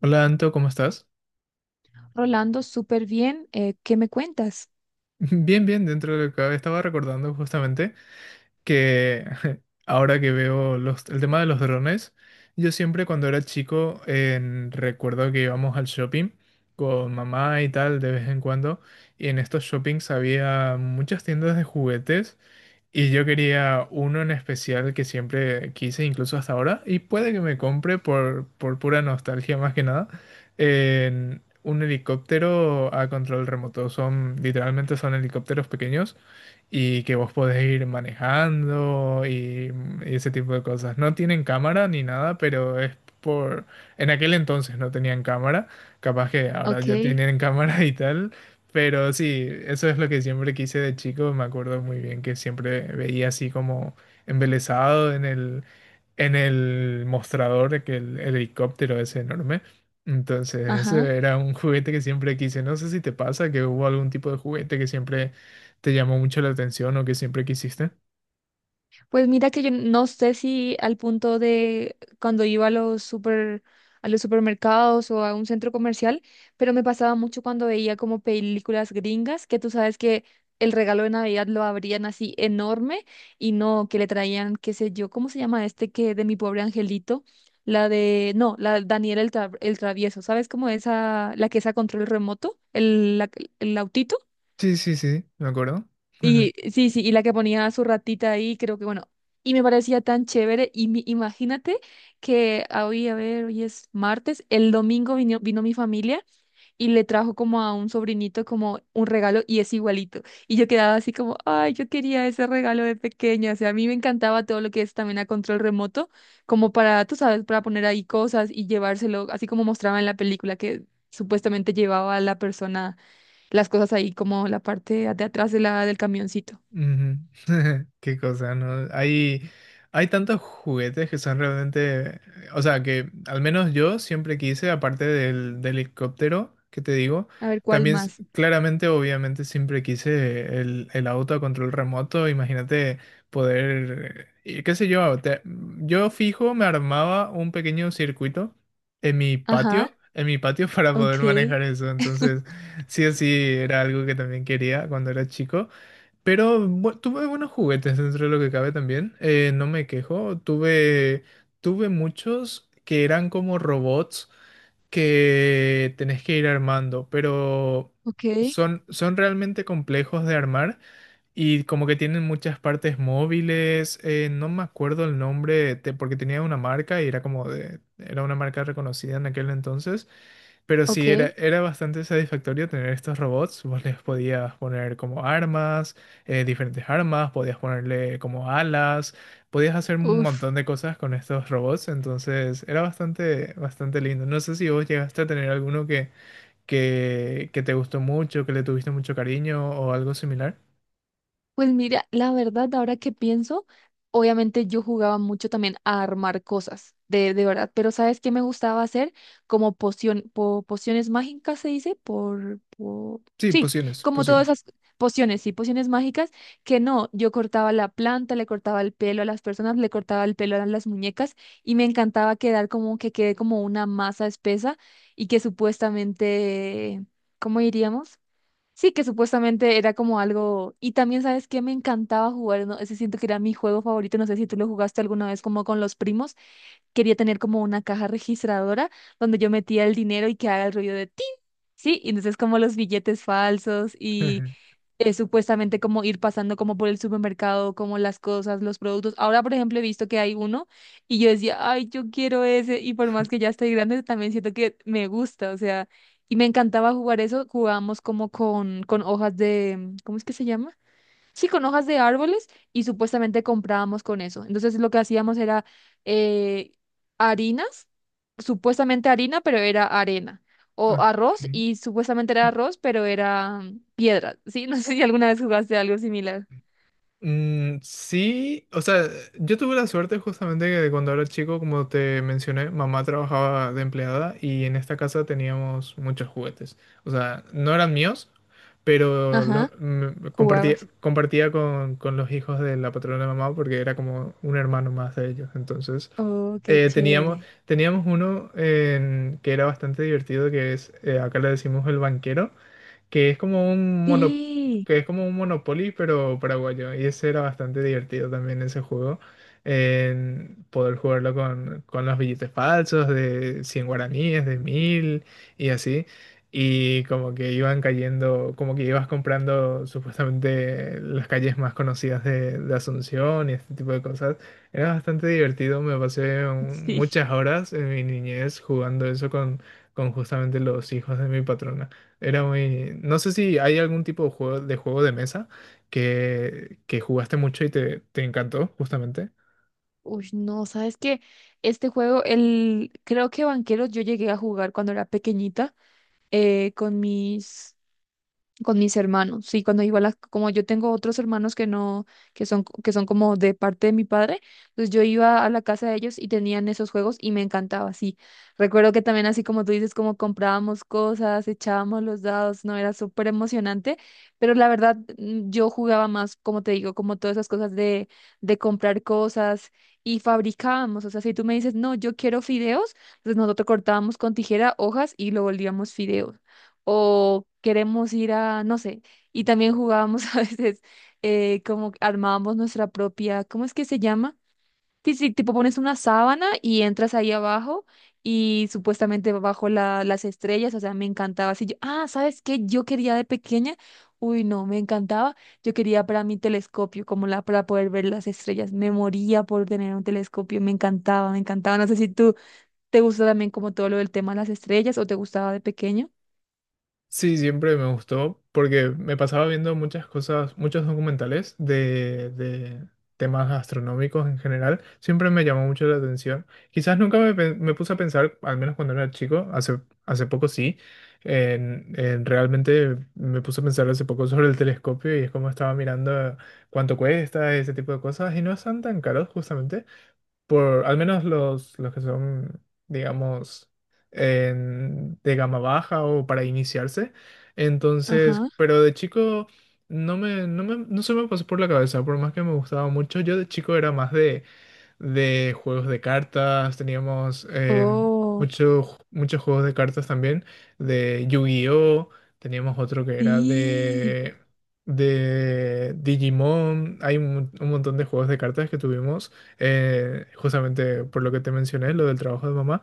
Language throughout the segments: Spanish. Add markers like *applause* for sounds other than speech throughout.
Hola Anto, ¿cómo estás? Rolando, súper bien. ¿Qué me cuentas? *laughs* Bien, bien, dentro de lo que cabe. Estaba recordando justamente que *laughs* ahora que veo el tema de los drones. Yo siempre cuando era chico recuerdo que íbamos al shopping con mamá y tal de vez en cuando, y en estos shoppings había muchas tiendas de juguetes. Y yo quería uno en especial que siempre quise, incluso hasta ahora, y puede que me compre por pura nostalgia más que nada, en un helicóptero a control remoto. Son, literalmente son helicópteros pequeños y que vos podés ir manejando y ese tipo de cosas. No tienen cámara ni nada, pero es por. En aquel entonces no tenían cámara, capaz que ahora Ok. ya tienen *laughs* cámara y tal, pero sí, eso es lo que siempre quise de chico. Me acuerdo muy bien que siempre veía así como embelesado en el mostrador de que el helicóptero es enorme. Entonces, Ajá. ese era un *laughs* juguete que siempre quise. No sé si te pasa que hubo algún tipo de juguete que siempre te llamó mucho la atención o que siempre quisiste. Pues mira que yo no sé si al punto de cuando iba a los super, a los supermercados o a un centro comercial, pero me pasaba mucho cuando veía como películas gringas, que tú sabes que el regalo de Navidad lo abrían así enorme y no que le traían, qué sé yo, ¿cómo se llama este que de mi pobre angelito? La de, no, la de el travieso, ¿sabes cómo esa, la que es a control remoto, el autito? Sí, sí, sí, me acuerdo. Y *laughs* sí, sí, y la que ponía a su ratita ahí, creo que bueno, y me parecía tan chévere. Imagínate que hoy, a ver, hoy es martes, el domingo vino mi familia y le trajo como a un sobrinito como un regalo y es igualito. Y yo quedaba así como, ay, yo quería ese regalo de pequeña. O sea, a mí me encantaba todo lo que es también a control remoto, como para, tú sabes, para poner ahí cosas y llevárselo, así como mostraba en la película que supuestamente llevaba a la persona las cosas ahí como la parte de atrás de la, del camioncito. Ujú. *laughs* Qué cosa, ¿no? Hay tantos juguetes que son realmente, o sea, que al menos yo siempre quise, aparte del helicóptero, que te digo, A ver, ¿cuál también más? claramente, obviamente, siempre quise el auto a control remoto. Imagínate poder, qué sé yo, yo fijo, me armaba un pequeño circuito en mi Ajá, patio, en mi patio *laughs* para poder ok, manejar eso. Entonces, sí o sí, era algo que también quería cuando era chico. Pero tuve buenos juguetes dentro de lo que cabe también. No me quejo. Tuve muchos que eran como robots que tenés que ir armando, pero ok, son realmente complejos de armar y como que tienen muchas partes móviles. No me acuerdo el nombre, porque tenía una marca y era como era una marca reconocida en aquel entonces, pero ok. sí era bastante satisfactorio tener estos robots. Vos les podías poner como armas, diferentes armas, podías ponerle como alas, podías hacer un Uf. montón de cosas con estos robots. Entonces era bastante, bastante lindo. No sé si vos llegaste a tener alguno que te gustó mucho, que le tuviste mucho cariño o algo similar. Pues mira, la verdad, ahora que pienso, obviamente yo jugaba mucho también a armar cosas, de verdad, pero ¿sabes qué me gustaba hacer? Como pociones mágicas se dice, Sí, sí, pociones, como todas pociones. esas pociones, sí, pociones mágicas, que no, yo cortaba la planta, le cortaba el pelo a las personas, le cortaba el pelo a las muñecas y me encantaba quedar como que quede como una masa espesa y que supuestamente, ¿cómo diríamos? Sí, que supuestamente era como algo. Y también, ¿sabes qué? Me encantaba jugar, ¿no? Ese siento que era mi juego favorito. No sé si tú lo jugaste alguna vez como con los primos. Quería tener como una caja registradora donde yo metía el dinero y que haga el ruido de tin. Sí, y entonces como los billetes falsos y *laughs* es supuestamente como ir pasando como por el supermercado, como las cosas, los productos. Ahora, por ejemplo, he visto que hay uno y yo decía, ay, yo quiero ese y por más que ya estoy grande, también siento que me gusta, o sea, y me encantaba jugar eso, jugábamos como con hojas de, ¿cómo es que se llama? Sí, con hojas de árboles y supuestamente comprábamos con eso. Entonces lo que hacíamos era eh, harinas, supuestamente harina, pero era arena. O arroz Okay. y supuestamente era arroz, pero era piedra. Sí, *laughs* no sé si alguna vez jugaste algo similar. Mm, sí, o sea, yo tuve la suerte justamente que cuando era chico, como te mencioné, mamá trabajaba de empleada y en esta casa teníamos muchos juguetes. O sea, no eran míos, pero Ajá, los compartía, jugabas. compartía con los hijos de la patrona de mamá porque era como un hermano más de ellos. Entonces, Oh, qué eh, teníamos, chévere. teníamos uno que era bastante divertido, que es, acá le decimos el banquero que es como un mono, Sí, que es como un Monopoly, pero paraguayo. Y ese era bastante divertido también ese juego. En poder jugarlo con los billetes falsos de 100 guaraníes, de 1.000 y así. Y como que iban cayendo, como que ibas comprando supuestamente las calles más conocidas de Asunción y este tipo de cosas. Era bastante divertido, me pasé sí. muchas horas en mi niñez jugando eso con justamente los hijos de mi patrona. Era muy. No sé si hay algún tipo de juego juego de mesa que jugaste mucho y te encantó, justamente. Uy, no, ¿sabes qué? Este juego, el, creo que Banqueros yo llegué a jugar cuando era pequeñita eh, con mis con mis hermanos. Sí, cuando iba a las, como yo tengo otros hermanos que no, que son como de parte de mi padre, pues yo iba a la casa de ellos y tenían esos juegos y me encantaba, sí. Recuerdo que también así como tú dices, como comprábamos cosas, echábamos los dados, no, era súper emocionante, pero la verdad yo jugaba más, como te digo, como todas esas cosas de comprar cosas. Y fabricábamos, o sea, si tú me dices, no, yo quiero fideos, pues nosotros cortábamos con tijera hojas y lo volvíamos fideos o queremos ir a, no sé, y también jugábamos *laughs* a veces como armábamos nuestra propia, ¿cómo es que se llama? Sí, sí, tipo pones una sábana y entras ahí abajo y supuestamente bajo la, las estrellas, o sea, me encantaba. Así yo, ah, ¿sabes qué? Yo quería de pequeña, uy, no, me encantaba, yo quería para mi telescopio, como la, para poder ver las estrellas, me moría por tener un telescopio, me encantaba, me encantaba. No sé si tú te gusta también como todo lo del tema de las estrellas o te gustaba de pequeño. Sí, siempre me gustó porque me pasaba viendo muchas cosas, muchos documentales de temas astronómicos en general. Siempre me llamó mucho la atención. Quizás nunca me puse a pensar, al menos cuando era chico. Hace poco sí, en realmente me puse a pensar hace poco sobre el telescopio y es como estaba mirando cuánto cuesta, ese tipo de cosas, y no están tan caros justamente por al menos los que son, digamos, de gama baja o para iniciarse. Entonces, Ajá. pero de chico no se me pasó por la cabeza, por más que me gustaba mucho. Yo de chico era más de juegos de cartas. Teníamos Oh, muchos juegos de cartas también, de Yu-Gi-Oh, teníamos otro que era sí, de Digimon. Hay un montón de juegos de cartas que tuvimos, justamente por lo que te mencioné, lo del trabajo de mamá.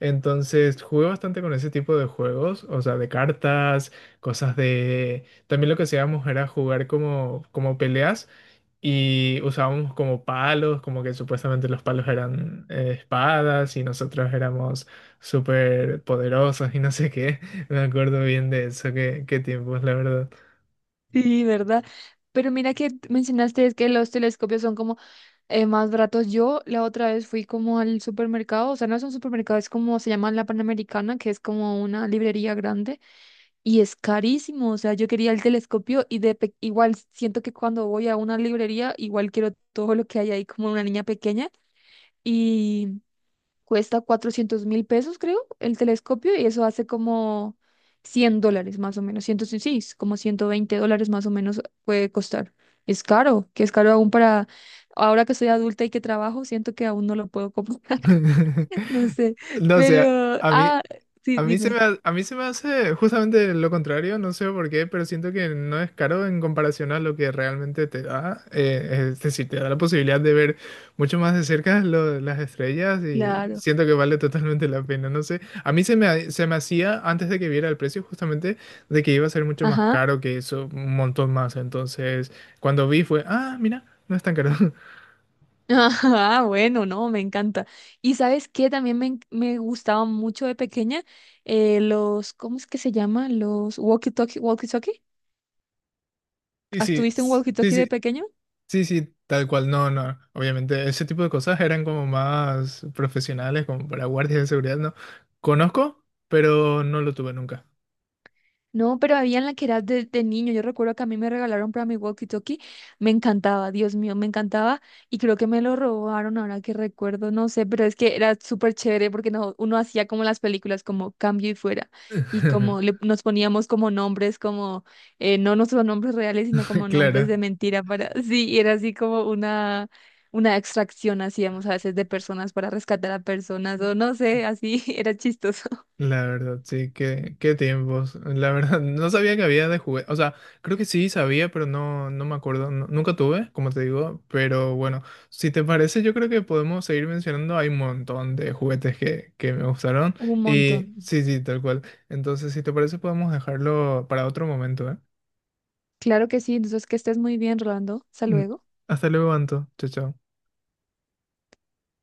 Entonces jugué bastante con ese tipo de juegos, o sea, de cartas, cosas de. También lo que hacíamos era jugar como peleas. Y usábamos como palos, como que supuestamente los palos eran espadas y nosotros éramos súper poderosos y no sé qué. *laughs* Me acuerdo bien de eso, qué tiempos, la verdad. sí, ¿verdad? Pero mira que mencionaste es que los telescopios son como más baratos. Yo la otra vez fui como al supermercado, o sea, no es un supermercado, es como se llama la Panamericana, que es como una librería grande y es carísimo. O sea, yo quería el telescopio y igual siento que cuando voy a una librería, igual quiero todo lo que hay ahí como una niña pequeña. Cuesta 400.000 pesos, creo, el telescopio y eso hace como $100 más o menos, 106, como $120 más o menos puede costar. Es caro, que es caro aún para ahora que soy adulta y que trabajo, siento que aún no lo puedo comprar. *laughs* *laughs* No sé, No sé, pero, a mí, ah, sí, dime, a mí se me hace justamente lo contrario, no sé por qué, pero siento que no es caro en comparación a lo que realmente te da. Es decir, te da la posibilidad de ver mucho más de cerca las estrellas y claro, siento que vale totalmente la pena. No sé, a mí se me, ha- se me hacía antes de que viera el precio justamente de que iba a ser mucho más ajá. caro que eso, un montón más. Entonces, cuando vi fue, ah, mira, no es tan caro. *laughs* *laughs* Ah, bueno, no, me encanta. Y sabes qué, también me gustaba mucho de pequeña los, ¿cómo es que se llama? Los walkie-talkie. Sí, ¿Has sí, tuviste un sí, walkie-talkie de sí. pequeño? Sí, sí, tal cual. No, no. Obviamente, ese tipo de cosas eran como más profesionales, como para guardias de seguridad, ¿no? Conozco, pero no lo tuve nunca. No, pero había en la que era de niño. Yo recuerdo que a mí me regalaron para mi walkie-talkie. Me encantaba, Dios mío, me encantaba. Y creo que me lo robaron ahora que recuerdo, no sé, pero es que era súper chévere porque no, uno hacía como las películas, como cambio y fuera. Y *laughs* como le, nos poníamos como nombres, como no nuestros nombres reales, sino como nombres Claro. de mentira para. *laughs* Sí, y era así como una extracción hacíamos a veces de personas para rescatar a personas, o no sé, así *laughs* era chistoso. *laughs* La verdad, sí, qué tiempos, la verdad. *laughs* No sabía que había de juguete. O sea, creo que sí sabía, pero no, no me acuerdo. Nunca tuve, como te digo. Pero bueno, si te parece, yo creo que podemos seguir mencionando. Hay un montón de juguetes que me gustaron. Un montón. Y sí, sí, tal cual. Entonces, si te parece, podemos dejarlo para otro momento, ¿eh? Claro que sí, entonces que estés muy bien, Rolando. Hasta Mm, luego. Hasta luego, Anto. Chao, chao.